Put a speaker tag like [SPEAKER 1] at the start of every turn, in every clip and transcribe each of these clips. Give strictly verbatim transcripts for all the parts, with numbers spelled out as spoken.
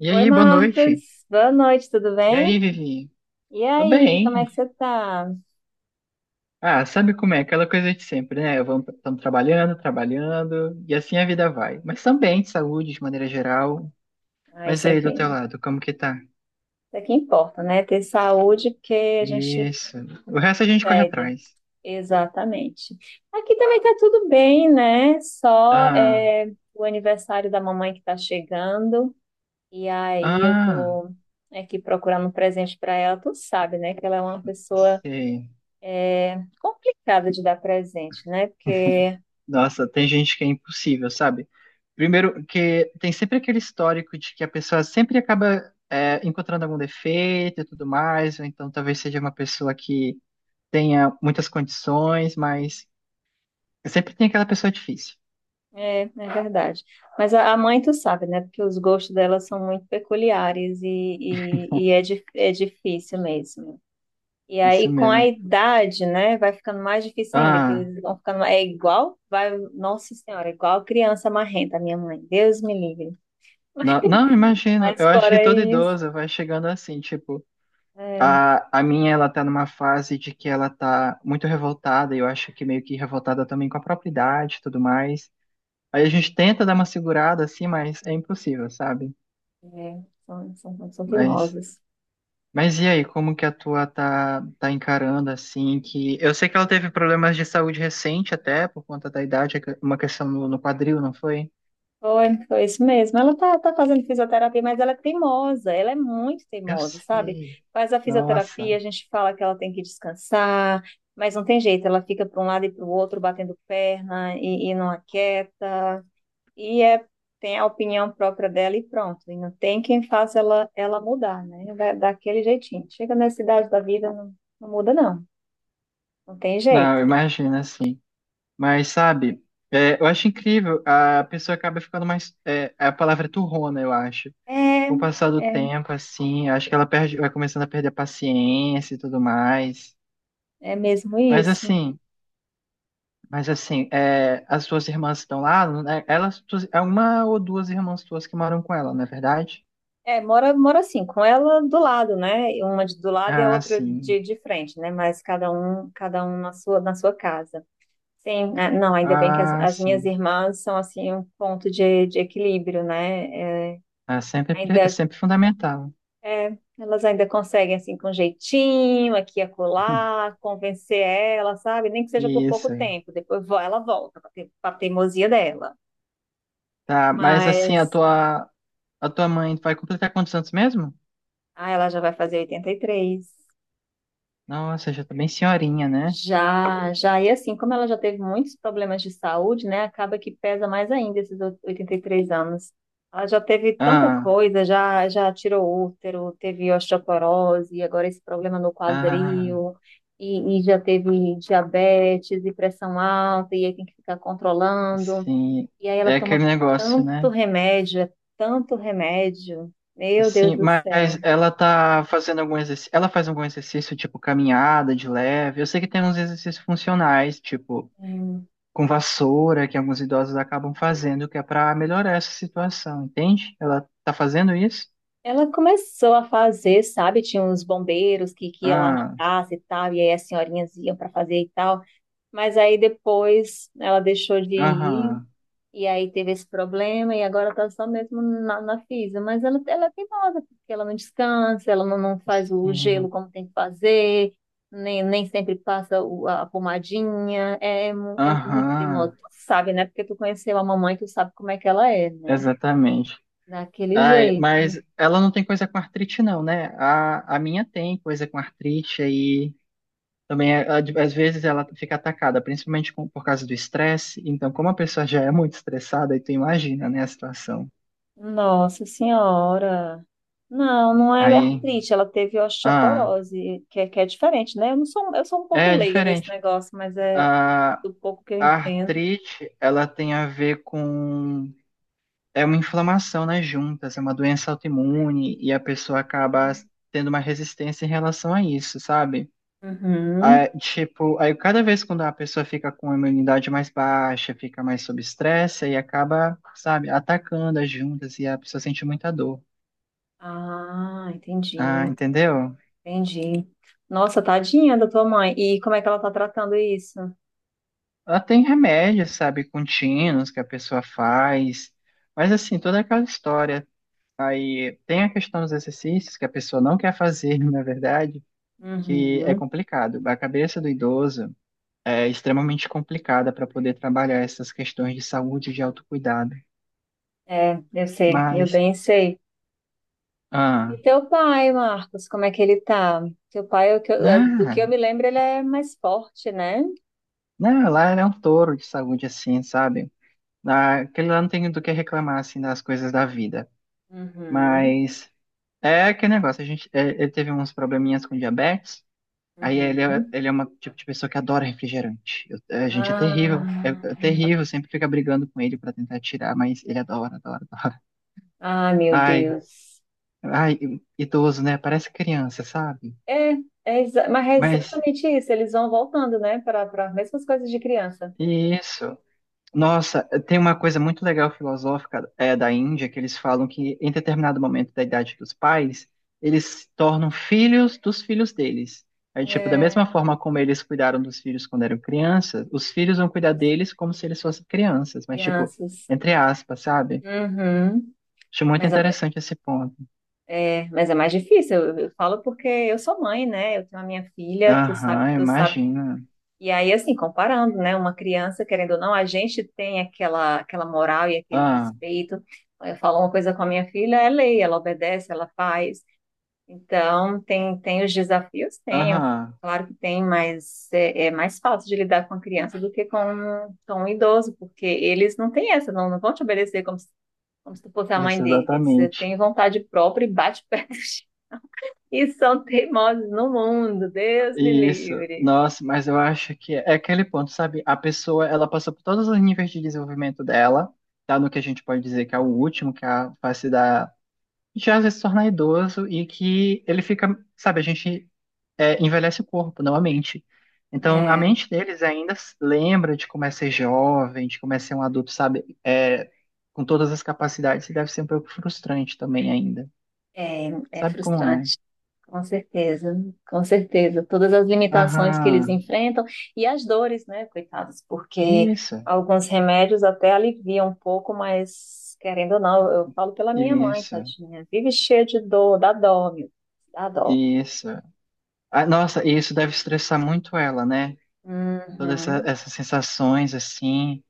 [SPEAKER 1] E
[SPEAKER 2] Oi,
[SPEAKER 1] aí, boa
[SPEAKER 2] Marcos.
[SPEAKER 1] noite.
[SPEAKER 2] Boa noite, tudo
[SPEAKER 1] E
[SPEAKER 2] bem?
[SPEAKER 1] aí, Vivi?
[SPEAKER 2] E
[SPEAKER 1] Tô
[SPEAKER 2] aí, como é que
[SPEAKER 1] bem.
[SPEAKER 2] você tá?
[SPEAKER 1] Ah, sabe como é? Aquela coisa de sempre, né? estamos trabalhando, trabalhando, e assim a vida vai. Mas também de saúde, de maneira geral.
[SPEAKER 2] Ah,
[SPEAKER 1] Mas
[SPEAKER 2] isso
[SPEAKER 1] aí,
[SPEAKER 2] aqui,
[SPEAKER 1] do teu
[SPEAKER 2] isso
[SPEAKER 1] lado, como que tá?
[SPEAKER 2] aqui importa, né? Ter saúde porque a gente
[SPEAKER 1] Isso. O resto a gente corre
[SPEAKER 2] pegue.
[SPEAKER 1] atrás.
[SPEAKER 2] Exatamente. Aqui também tá tudo bem, né? Só
[SPEAKER 1] Ah,
[SPEAKER 2] é, o aniversário da mamãe que tá chegando. E aí eu
[SPEAKER 1] ah,
[SPEAKER 2] tô aqui procurando um presente para ela. Tu sabe, né? Que ela é uma pessoa
[SPEAKER 1] sei.
[SPEAKER 2] complicada de dar presente, né? Porque
[SPEAKER 1] Nossa, tem gente que é impossível, sabe? Primeiro, que tem sempre aquele histórico de que a pessoa sempre acaba é, encontrando algum defeito e tudo mais, ou então talvez seja uma pessoa que tenha muitas condições, mas sempre tem aquela pessoa difícil.
[SPEAKER 2] É, é verdade. Mas a, a mãe, tu sabe, né? Porque os gostos dela são muito peculiares e, e, e é, di- é difícil mesmo. E
[SPEAKER 1] Isso
[SPEAKER 2] aí, com a
[SPEAKER 1] mesmo.
[SPEAKER 2] idade, né? Vai ficando mais difícil ainda, que
[SPEAKER 1] Ah,
[SPEAKER 2] eles vão ficando. É igual, vai, Nossa Senhora, é igual criança marrenta, a minha mãe. Deus me livre.
[SPEAKER 1] não, não, imagino.
[SPEAKER 2] Mas
[SPEAKER 1] Eu acho que
[SPEAKER 2] fora
[SPEAKER 1] todo
[SPEAKER 2] isso,
[SPEAKER 1] idoso vai chegando assim, tipo,
[SPEAKER 2] é,
[SPEAKER 1] a, a minha, ela tá numa fase de que ela tá muito revoltada, e eu acho que meio que revoltada também com a própria idade e tudo mais. Aí a gente tenta dar uma segurada assim, mas é impossível, sabe?
[SPEAKER 2] é, são, são, são
[SPEAKER 1] Mas
[SPEAKER 2] teimosas.
[SPEAKER 1] Mas e aí, como que a tua tá, tá encarando assim que eu sei que ela teve problemas de saúde recente até por conta da idade, é que- uma questão no, no quadril, não foi?
[SPEAKER 2] Foi, foi isso mesmo. Ela tá, tá fazendo fisioterapia, mas ela é teimosa, ela é muito
[SPEAKER 1] Eu
[SPEAKER 2] teimosa, sabe?
[SPEAKER 1] sei.
[SPEAKER 2] Faz a
[SPEAKER 1] Nossa.
[SPEAKER 2] fisioterapia, a gente fala que ela tem que descansar, mas não tem jeito, ela fica para um lado e para o outro, batendo perna e, e não aquieta, e é, tem a opinião própria dela e pronto. E não tem quem faça ela, ela mudar, né? Da- Daquele jeitinho. Chega nessa idade da vida, não, não muda, não. Não tem
[SPEAKER 1] Não,
[SPEAKER 2] jeito.
[SPEAKER 1] imagina assim. Mas sabe, é, eu acho incrível, a pessoa acaba ficando mais é, é a palavra é turrona, eu acho.
[SPEAKER 2] É,
[SPEAKER 1] Com o passar do
[SPEAKER 2] é,
[SPEAKER 1] tempo assim, acho que ela perde, vai começando a perder a paciência e tudo mais.
[SPEAKER 2] é mesmo
[SPEAKER 1] Mas
[SPEAKER 2] isso.
[SPEAKER 1] assim, Mas assim, é, as suas irmãs estão lá, né? Elas, tu- é uma ou duas irmãs tuas que moram com ela, não é verdade?
[SPEAKER 2] É, mora, mora assim, com ela do lado, né? Uma de- do lado e a
[SPEAKER 1] Ah,
[SPEAKER 2] outra
[SPEAKER 1] sim.
[SPEAKER 2] de, de frente, né? Mas cada um, cada um na sua, na sua casa. Sim, é, não, ainda bem que as,
[SPEAKER 1] Ah,
[SPEAKER 2] as minhas
[SPEAKER 1] sim.
[SPEAKER 2] irmãs são assim um ponto de, de equilíbrio, né? É,
[SPEAKER 1] É sempre, pre- é
[SPEAKER 2] ainda,
[SPEAKER 1] sempre fundamental.
[SPEAKER 2] é, elas ainda conseguem assim com jeitinho, aqui e acolá, convencer ela, sabe? Nem que seja por pouco
[SPEAKER 1] Isso aí.
[SPEAKER 2] tempo, depois vo- ela volta para a teimosia dela.
[SPEAKER 1] Tá, mas assim, a
[SPEAKER 2] Mas,
[SPEAKER 1] tua, a tua mãe vai completar quantos anos mesmo?
[SPEAKER 2] ah, ela já vai fazer oitenta e três.
[SPEAKER 1] Nossa, já tá bem senhorinha, né?
[SPEAKER 2] Já, já, e assim, como ela já teve muitos problemas de saúde, né, acaba que pesa mais ainda esses o- oitenta e três anos. Ela já teve tanta
[SPEAKER 1] Ah,
[SPEAKER 2] coisa, já, já tirou útero, teve osteoporose, agora esse problema no
[SPEAKER 1] ah,
[SPEAKER 2] quadril, e, e já teve diabetes e pressão alta, e aí tem que ficar controlando.
[SPEAKER 1] sim.
[SPEAKER 2] E aí ela
[SPEAKER 1] É aquele
[SPEAKER 2] toma
[SPEAKER 1] negócio,
[SPEAKER 2] tanto
[SPEAKER 1] né?
[SPEAKER 2] remédio, é tanto remédio. Meu Deus
[SPEAKER 1] Sim,
[SPEAKER 2] do
[SPEAKER 1] mas
[SPEAKER 2] céu.
[SPEAKER 1] ela tá fazendo algum exercício. Ela faz algum exercício, tipo caminhada de leve. Eu sei que tem uns exercícios funcionais, tipo
[SPEAKER 2] É.
[SPEAKER 1] com vassoura, que alguns idosos acabam fazendo, que é pra melhorar essa situação, entende? Ela tá fazendo isso?
[SPEAKER 2] Ela começou a fazer, sabe? Tinha uns bombeiros que, que ia lá na
[SPEAKER 1] Ah,
[SPEAKER 2] casa e tal, e aí as senhorinhas iam para fazer e tal. Mas aí depois ela deixou de ir,
[SPEAKER 1] aham.
[SPEAKER 2] e aí teve esse problema, e agora tá só mesmo na, na fisa. Mas ela, ela é teimosa, porque ela não descansa, ela não, não faz o gelo
[SPEAKER 1] Sim,
[SPEAKER 2] como tem que fazer, nem, nem sempre passa o- a pomadinha. É, mu- é muito
[SPEAKER 1] aham.
[SPEAKER 2] teimosa. Tu sabe, né? Porque tu conheceu a mamãe, tu sabe como é que ela é, né?
[SPEAKER 1] Exatamente.
[SPEAKER 2] Daquele
[SPEAKER 1] Ai,
[SPEAKER 2] jeito.
[SPEAKER 1] mas ela não tem coisa com artrite, não, né? A, a minha tem coisa com artrite aí. Também, é, a- às vezes, ela fica atacada, principalmente com- por causa do estresse. Então, como a pessoa já é muito estressada, aí tu imagina, né, a situação.
[SPEAKER 2] Nossa Senhora. Não, não é
[SPEAKER 1] Aí,
[SPEAKER 2] artrite, ela teve
[SPEAKER 1] ah,
[SPEAKER 2] osteoporose, que é, que é diferente, né? Eu não sou, eu sou um pouco
[SPEAKER 1] é
[SPEAKER 2] leiga nesse
[SPEAKER 1] diferente.
[SPEAKER 2] negócio, mas é
[SPEAKER 1] A,
[SPEAKER 2] do pouco que eu
[SPEAKER 1] a
[SPEAKER 2] entendo.
[SPEAKER 1] artrite, ela tem a ver com... É uma inflamação nas juntas, é uma doença autoimune, e a pessoa acaba tendo uma resistência em relação a isso, sabe? Aí,
[SPEAKER 2] Uhum.
[SPEAKER 1] tipo, aí cada vez quando a pessoa fica com a imunidade mais baixa, fica mais sob estresse, aí acaba, sabe, atacando as juntas e a pessoa sente muita dor.
[SPEAKER 2] Ah,
[SPEAKER 1] Ah,
[SPEAKER 2] entendi,
[SPEAKER 1] entendeu?
[SPEAKER 2] entendi. Nossa, tadinha da tua mãe. E como é que ela tá tratando isso?
[SPEAKER 1] Ela tem remédios, sabe, contínuos que a pessoa faz, mas assim, toda aquela história. Aí tem a questão dos exercícios que a pessoa não quer fazer, na verdade, que é
[SPEAKER 2] Uhum.
[SPEAKER 1] complicado. A cabeça do idoso é extremamente complicada para poder trabalhar essas questões de saúde e de autocuidado.
[SPEAKER 2] É, eu sei, eu
[SPEAKER 1] Mas.
[SPEAKER 2] bem sei. E
[SPEAKER 1] Ah,
[SPEAKER 2] teu pai, Marcos, como é que ele tá? Teu pai, é o que eu- é, do que eu
[SPEAKER 1] não,
[SPEAKER 2] me lembro, ele é mais forte, né?
[SPEAKER 1] não, lá ele é um touro de saúde, assim, sabe? Ah, Aquele lá não tem do que reclamar, assim, das coisas da vida.
[SPEAKER 2] Uhum,
[SPEAKER 1] Mas é aquele negócio, a gente, é, ele teve uns probleminhas com diabetes, aí ele é,
[SPEAKER 2] uhum.
[SPEAKER 1] ele é uma tipo de pessoa que adora refrigerante. Eu- é, a gente é terrível, é,
[SPEAKER 2] Ah,
[SPEAKER 1] é
[SPEAKER 2] hum.
[SPEAKER 1] terrível, sempre fica brigando com ele pra tentar tirar, mas ele adora, adora, adora.
[SPEAKER 2] Ah, meu
[SPEAKER 1] Ai,
[SPEAKER 2] Deus.
[SPEAKER 1] ai, idoso, né? Parece criança, sabe?
[SPEAKER 2] É, é exa- mas é
[SPEAKER 1] Mas
[SPEAKER 2] exatamente isso. Eles vão voltando, né, para para as mesmas coisas de criança.
[SPEAKER 1] isso. Nossa, tem uma coisa muito legal filosófica é, da Índia, que eles falam que em determinado momento da idade dos pais, eles se tornam filhos dos filhos deles. Aí, tipo, da mesma
[SPEAKER 2] É,
[SPEAKER 1] forma como eles cuidaram dos filhos quando eram crianças, os filhos vão cuidar
[SPEAKER 2] eles-
[SPEAKER 1] deles como se eles fossem crianças, mas, tipo,
[SPEAKER 2] crianças.
[SPEAKER 1] entre aspas, sabe?
[SPEAKER 2] Uhum.
[SPEAKER 1] Acho muito
[SPEAKER 2] Mas é,
[SPEAKER 1] interessante esse ponto.
[SPEAKER 2] é, mas é mais difícil. Eu, eu falo porque eu sou mãe, né? Eu tenho a minha filha, tu sabe,
[SPEAKER 1] Aham,
[SPEAKER 2] tu sabe.
[SPEAKER 1] imagina.
[SPEAKER 2] E aí, assim, comparando, né? Uma criança, querendo ou não, a gente tem aquela, aquela moral e aquele
[SPEAKER 1] Ah,
[SPEAKER 2] respeito. Eu falo uma coisa com a minha filha, é lei, ela obedece, ela faz. Então, tem, tem os desafios? Tem, eu-
[SPEAKER 1] aham,
[SPEAKER 2] claro que tem, mas é, é mais fácil de lidar com a criança do que com, com um idoso, porque eles não têm essa, não, não vão te obedecer como se, como se tu fosse a mãe
[SPEAKER 1] isso
[SPEAKER 2] deles. Eles eh,
[SPEAKER 1] exatamente.
[SPEAKER 2] têm vontade própria e bate pé no chão. E são teimosos no mundo, Deus me
[SPEAKER 1] Isso,
[SPEAKER 2] livre.
[SPEAKER 1] nossa, mas eu acho que é é aquele ponto, sabe? A pessoa, ela passou por todos os níveis de desenvolvimento dela, tá no que a gente pode dizer que é o último, que é a fase da... Já às vezes se tornar idoso e que ele fica, sabe, a gente é, envelhece o corpo, não a mente. Então, a
[SPEAKER 2] É,
[SPEAKER 1] mente deles ainda se lembra de como é ser jovem, de como é ser um adulto, sabe? É, com todas as capacidades, e deve ser um pouco frustrante também ainda.
[SPEAKER 2] é, é
[SPEAKER 1] Sabe como é?
[SPEAKER 2] frustrante. Com certeza, com certeza. Todas as limitações que eles
[SPEAKER 1] Aham,
[SPEAKER 2] enfrentam e as dores, né, coitados, porque
[SPEAKER 1] isso,
[SPEAKER 2] alguns remédios até aliviam um pouco, mas querendo ou não, eu falo pela minha mãe,
[SPEAKER 1] isso,
[SPEAKER 2] tadinha, vive cheia de dor, dá dó, meu, dá dó.
[SPEAKER 1] isso. Ah, nossa, e isso deve estressar muito ela, né? Todas essa-
[SPEAKER 2] Uhum,
[SPEAKER 1] essas sensações assim.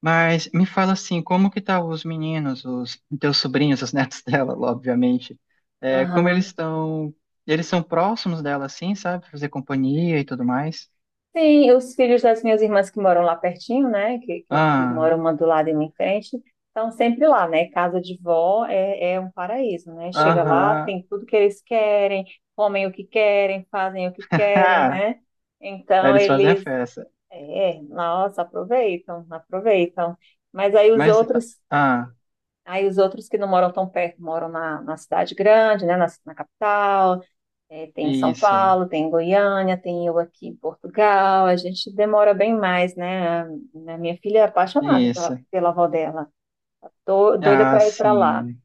[SPEAKER 1] Mas me fala assim, como que tá os meninos, os teus sobrinhos, os netos dela, obviamente. É, como eles
[SPEAKER 2] aham.
[SPEAKER 1] estão, eles são próximos dela assim, sabe? Fazer companhia e tudo mais.
[SPEAKER 2] Sim, os filhos das minhas irmãs que moram lá pertinho, né? Que, que, que
[SPEAKER 1] Ah,
[SPEAKER 2] moram uma do lado e uma em frente, estão sempre lá, né? Casa de vó é, é um paraíso, né? Chega lá,
[SPEAKER 1] aham.
[SPEAKER 2] tem tudo que eles querem, comem o que querem, fazem o que querem,
[SPEAKER 1] Ah,
[SPEAKER 2] né?
[SPEAKER 1] aí
[SPEAKER 2] Então
[SPEAKER 1] eles fazem a
[SPEAKER 2] eles,
[SPEAKER 1] festa.
[SPEAKER 2] é, nossa, aproveitam, aproveitam. Mas aí os
[SPEAKER 1] Mas
[SPEAKER 2] outros,
[SPEAKER 1] ah,
[SPEAKER 2] aí os outros que não moram tão perto, moram na, na cidade grande, né? Na, na capital é, tem em São
[SPEAKER 1] isso,
[SPEAKER 2] Paulo, tem em Goiânia, tem eu aqui em Portugal. A gente demora bem mais, né? A a minha filha é apaixonada pela,
[SPEAKER 1] isso.
[SPEAKER 2] pela avó dela. Tô doida
[SPEAKER 1] Ah,
[SPEAKER 2] para ir para lá,
[SPEAKER 1] sim.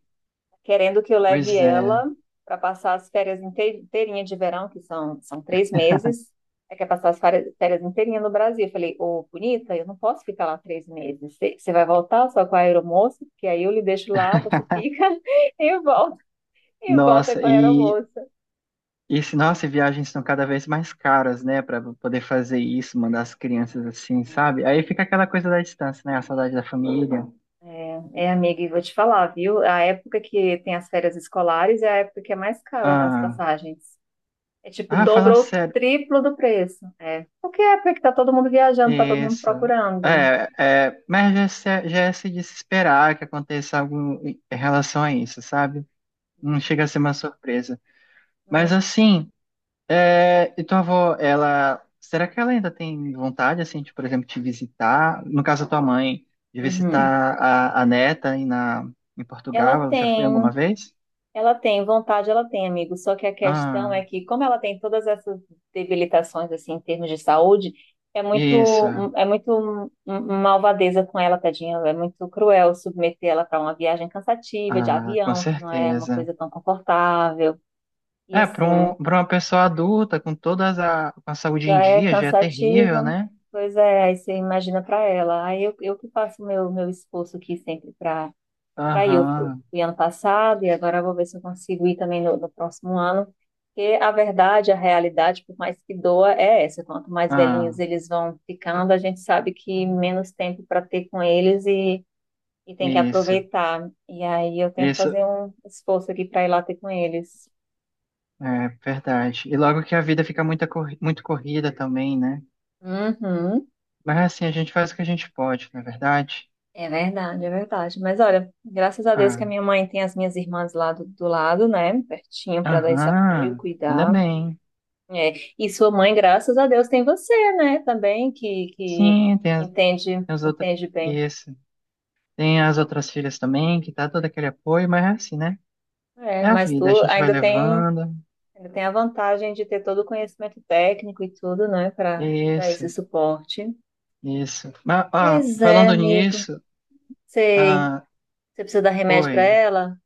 [SPEAKER 2] querendo que eu leve
[SPEAKER 1] Pois
[SPEAKER 2] ela
[SPEAKER 1] é.
[SPEAKER 2] para passar as férias inte- inteirinha de verão, que são, são três meses. É quer passar as férias férias inteirinha no Brasil. Eu falei, ô, bonita, eu não posso ficar lá três meses. Você você vai voltar só com a aeromoça, porque aí eu lhe deixo lá, você fica e volta, e volta
[SPEAKER 1] Nossa,
[SPEAKER 2] com a
[SPEAKER 1] e
[SPEAKER 2] aeromoça.
[SPEAKER 1] E se, nossa, e viagens estão cada vez mais caras, né, para poder fazer isso, mandar as crianças assim, sabe? Aí fica aquela coisa da distância, né, a saudade da família.
[SPEAKER 2] É, é, amiga, e vou te falar, viu? A época que tem as férias escolares é a época que é mais cara as
[SPEAKER 1] Ah,
[SPEAKER 2] passagens. É tipo
[SPEAKER 1] ah,
[SPEAKER 2] dobro
[SPEAKER 1] fala
[SPEAKER 2] ou
[SPEAKER 1] sério,
[SPEAKER 2] triplo do preço. É. Porque é porque tá todo mundo viajando, tá todo mundo
[SPEAKER 1] isso.
[SPEAKER 2] procurando.
[SPEAKER 1] É, é, mas já, se- já é se desesperar que aconteça algo em relação a isso, sabe? Não chega a ser uma surpresa. Mas
[SPEAKER 2] Né?
[SPEAKER 1] assim. É, e tua avó, ela, será que ela ainda tem vontade, assim, de, por exemplo, te visitar? No caso da tua mãe, de
[SPEAKER 2] Uhum.
[SPEAKER 1] visitar a, a neta aí na, em
[SPEAKER 2] Ela
[SPEAKER 1] Portugal, ela já foi
[SPEAKER 2] tem.
[SPEAKER 1] alguma vez?
[SPEAKER 2] Ela tem vontade, ela tem, amigo. Só que a questão
[SPEAKER 1] Ah,
[SPEAKER 2] é que, como ela tem todas essas debilitações assim em termos de saúde, é
[SPEAKER 1] isso,
[SPEAKER 2] muito é muito um, um malvadeza com ela, tadinha. É muito cruel submeter ela para uma viagem cansativa de
[SPEAKER 1] ah, com
[SPEAKER 2] avião, que não é uma
[SPEAKER 1] certeza.
[SPEAKER 2] coisa tão confortável. E
[SPEAKER 1] É, para
[SPEAKER 2] assim,
[SPEAKER 1] um, para uma pessoa adulta, com todas a, com a saúde
[SPEAKER 2] já
[SPEAKER 1] em
[SPEAKER 2] é
[SPEAKER 1] dia, já é terrível,
[SPEAKER 2] cansativa.
[SPEAKER 1] né?
[SPEAKER 2] Pois é, aí você imagina para ela. Aí eu, eu que faço meu meu esforço aqui sempre para para ir. Eu eu
[SPEAKER 1] Aham,
[SPEAKER 2] fui ano passado e agora eu vou ver se eu consigo ir também no, no próximo ano. Porque a verdade, a realidade, por mais que doa, é essa. Quanto mais velhinhos
[SPEAKER 1] ah,
[SPEAKER 2] eles vão ficando, a gente sabe que menos tempo para ter com eles e, e tem que
[SPEAKER 1] isso,
[SPEAKER 2] aproveitar. E aí eu tento
[SPEAKER 1] isso,
[SPEAKER 2] fazer um esforço aqui para ir lá ter com eles.
[SPEAKER 1] é verdade. E logo que a vida fica muita, corri- muito corrida também, né?
[SPEAKER 2] Uhum.
[SPEAKER 1] Mas assim, a gente faz o que a gente pode, não é verdade?
[SPEAKER 2] É verdade, é verdade. Mas olha, graças a Deus que
[SPEAKER 1] Ah,
[SPEAKER 2] a minha mãe tem as minhas irmãs lá do, do lado, né? Pertinho para dar esse apoio,
[SPEAKER 1] aham, ainda
[SPEAKER 2] cuidar.
[SPEAKER 1] bem.
[SPEAKER 2] É, e sua mãe, graças a Deus, tem você, né? Também que, que
[SPEAKER 1] Sim, tem as, tem
[SPEAKER 2] entende,
[SPEAKER 1] as outras.
[SPEAKER 2] entende bem.
[SPEAKER 1] Isso. Tem as outras filhas também, que tá todo aquele apoio, mas é assim, né?
[SPEAKER 2] É,
[SPEAKER 1] É a
[SPEAKER 2] mas
[SPEAKER 1] vida, a
[SPEAKER 2] tu
[SPEAKER 1] gente vai
[SPEAKER 2] ainda tem,
[SPEAKER 1] levando.
[SPEAKER 2] ainda tem a vantagem de ter todo o conhecimento técnico e tudo, né? Para dar
[SPEAKER 1] Isso,
[SPEAKER 2] esse suporte.
[SPEAKER 1] isso. Mas, ó,
[SPEAKER 2] Pois é,
[SPEAKER 1] falando
[SPEAKER 2] amigo.
[SPEAKER 1] nisso,
[SPEAKER 2] Sei.
[SPEAKER 1] ah,
[SPEAKER 2] Você precisa dar remédio para
[SPEAKER 1] oi,
[SPEAKER 2] ela?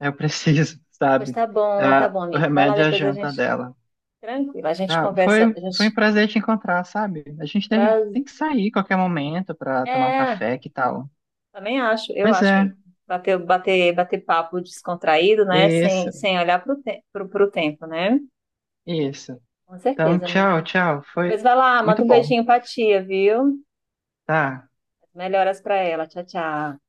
[SPEAKER 1] eu preciso,
[SPEAKER 2] Pois
[SPEAKER 1] sabe?
[SPEAKER 2] tá bom, tá
[SPEAKER 1] Ah,
[SPEAKER 2] bom,
[SPEAKER 1] o
[SPEAKER 2] amigo. Vai lá
[SPEAKER 1] remédio é a
[SPEAKER 2] depois a
[SPEAKER 1] janta
[SPEAKER 2] gente.
[SPEAKER 1] dela.
[SPEAKER 2] Tranquilo, a gente
[SPEAKER 1] Ah,
[SPEAKER 2] conversa.
[SPEAKER 1] foi,
[SPEAKER 2] A
[SPEAKER 1] foi
[SPEAKER 2] gente...
[SPEAKER 1] um prazer te encontrar, sabe? A gente deve,
[SPEAKER 2] pra-
[SPEAKER 1] tem que sair qualquer momento pra tomar um
[SPEAKER 2] É,
[SPEAKER 1] café, que tal?
[SPEAKER 2] também acho, eu
[SPEAKER 1] Pois
[SPEAKER 2] acho,
[SPEAKER 1] é.
[SPEAKER 2] amigo. Bater, bater, bater papo descontraído, né? Sem,
[SPEAKER 1] Isso,
[SPEAKER 2] sem olhar pro, te pro, pro tempo, né?
[SPEAKER 1] isso.
[SPEAKER 2] Com
[SPEAKER 1] Então,
[SPEAKER 2] certeza,
[SPEAKER 1] tchau,
[SPEAKER 2] amigo.
[SPEAKER 1] tchau.
[SPEAKER 2] Pois
[SPEAKER 1] Foi
[SPEAKER 2] vai lá, manda
[SPEAKER 1] muito
[SPEAKER 2] um
[SPEAKER 1] bom,
[SPEAKER 2] beijinho pra tia, viu?
[SPEAKER 1] tá?
[SPEAKER 2] Melhoras pra ela. Tchau, tchau.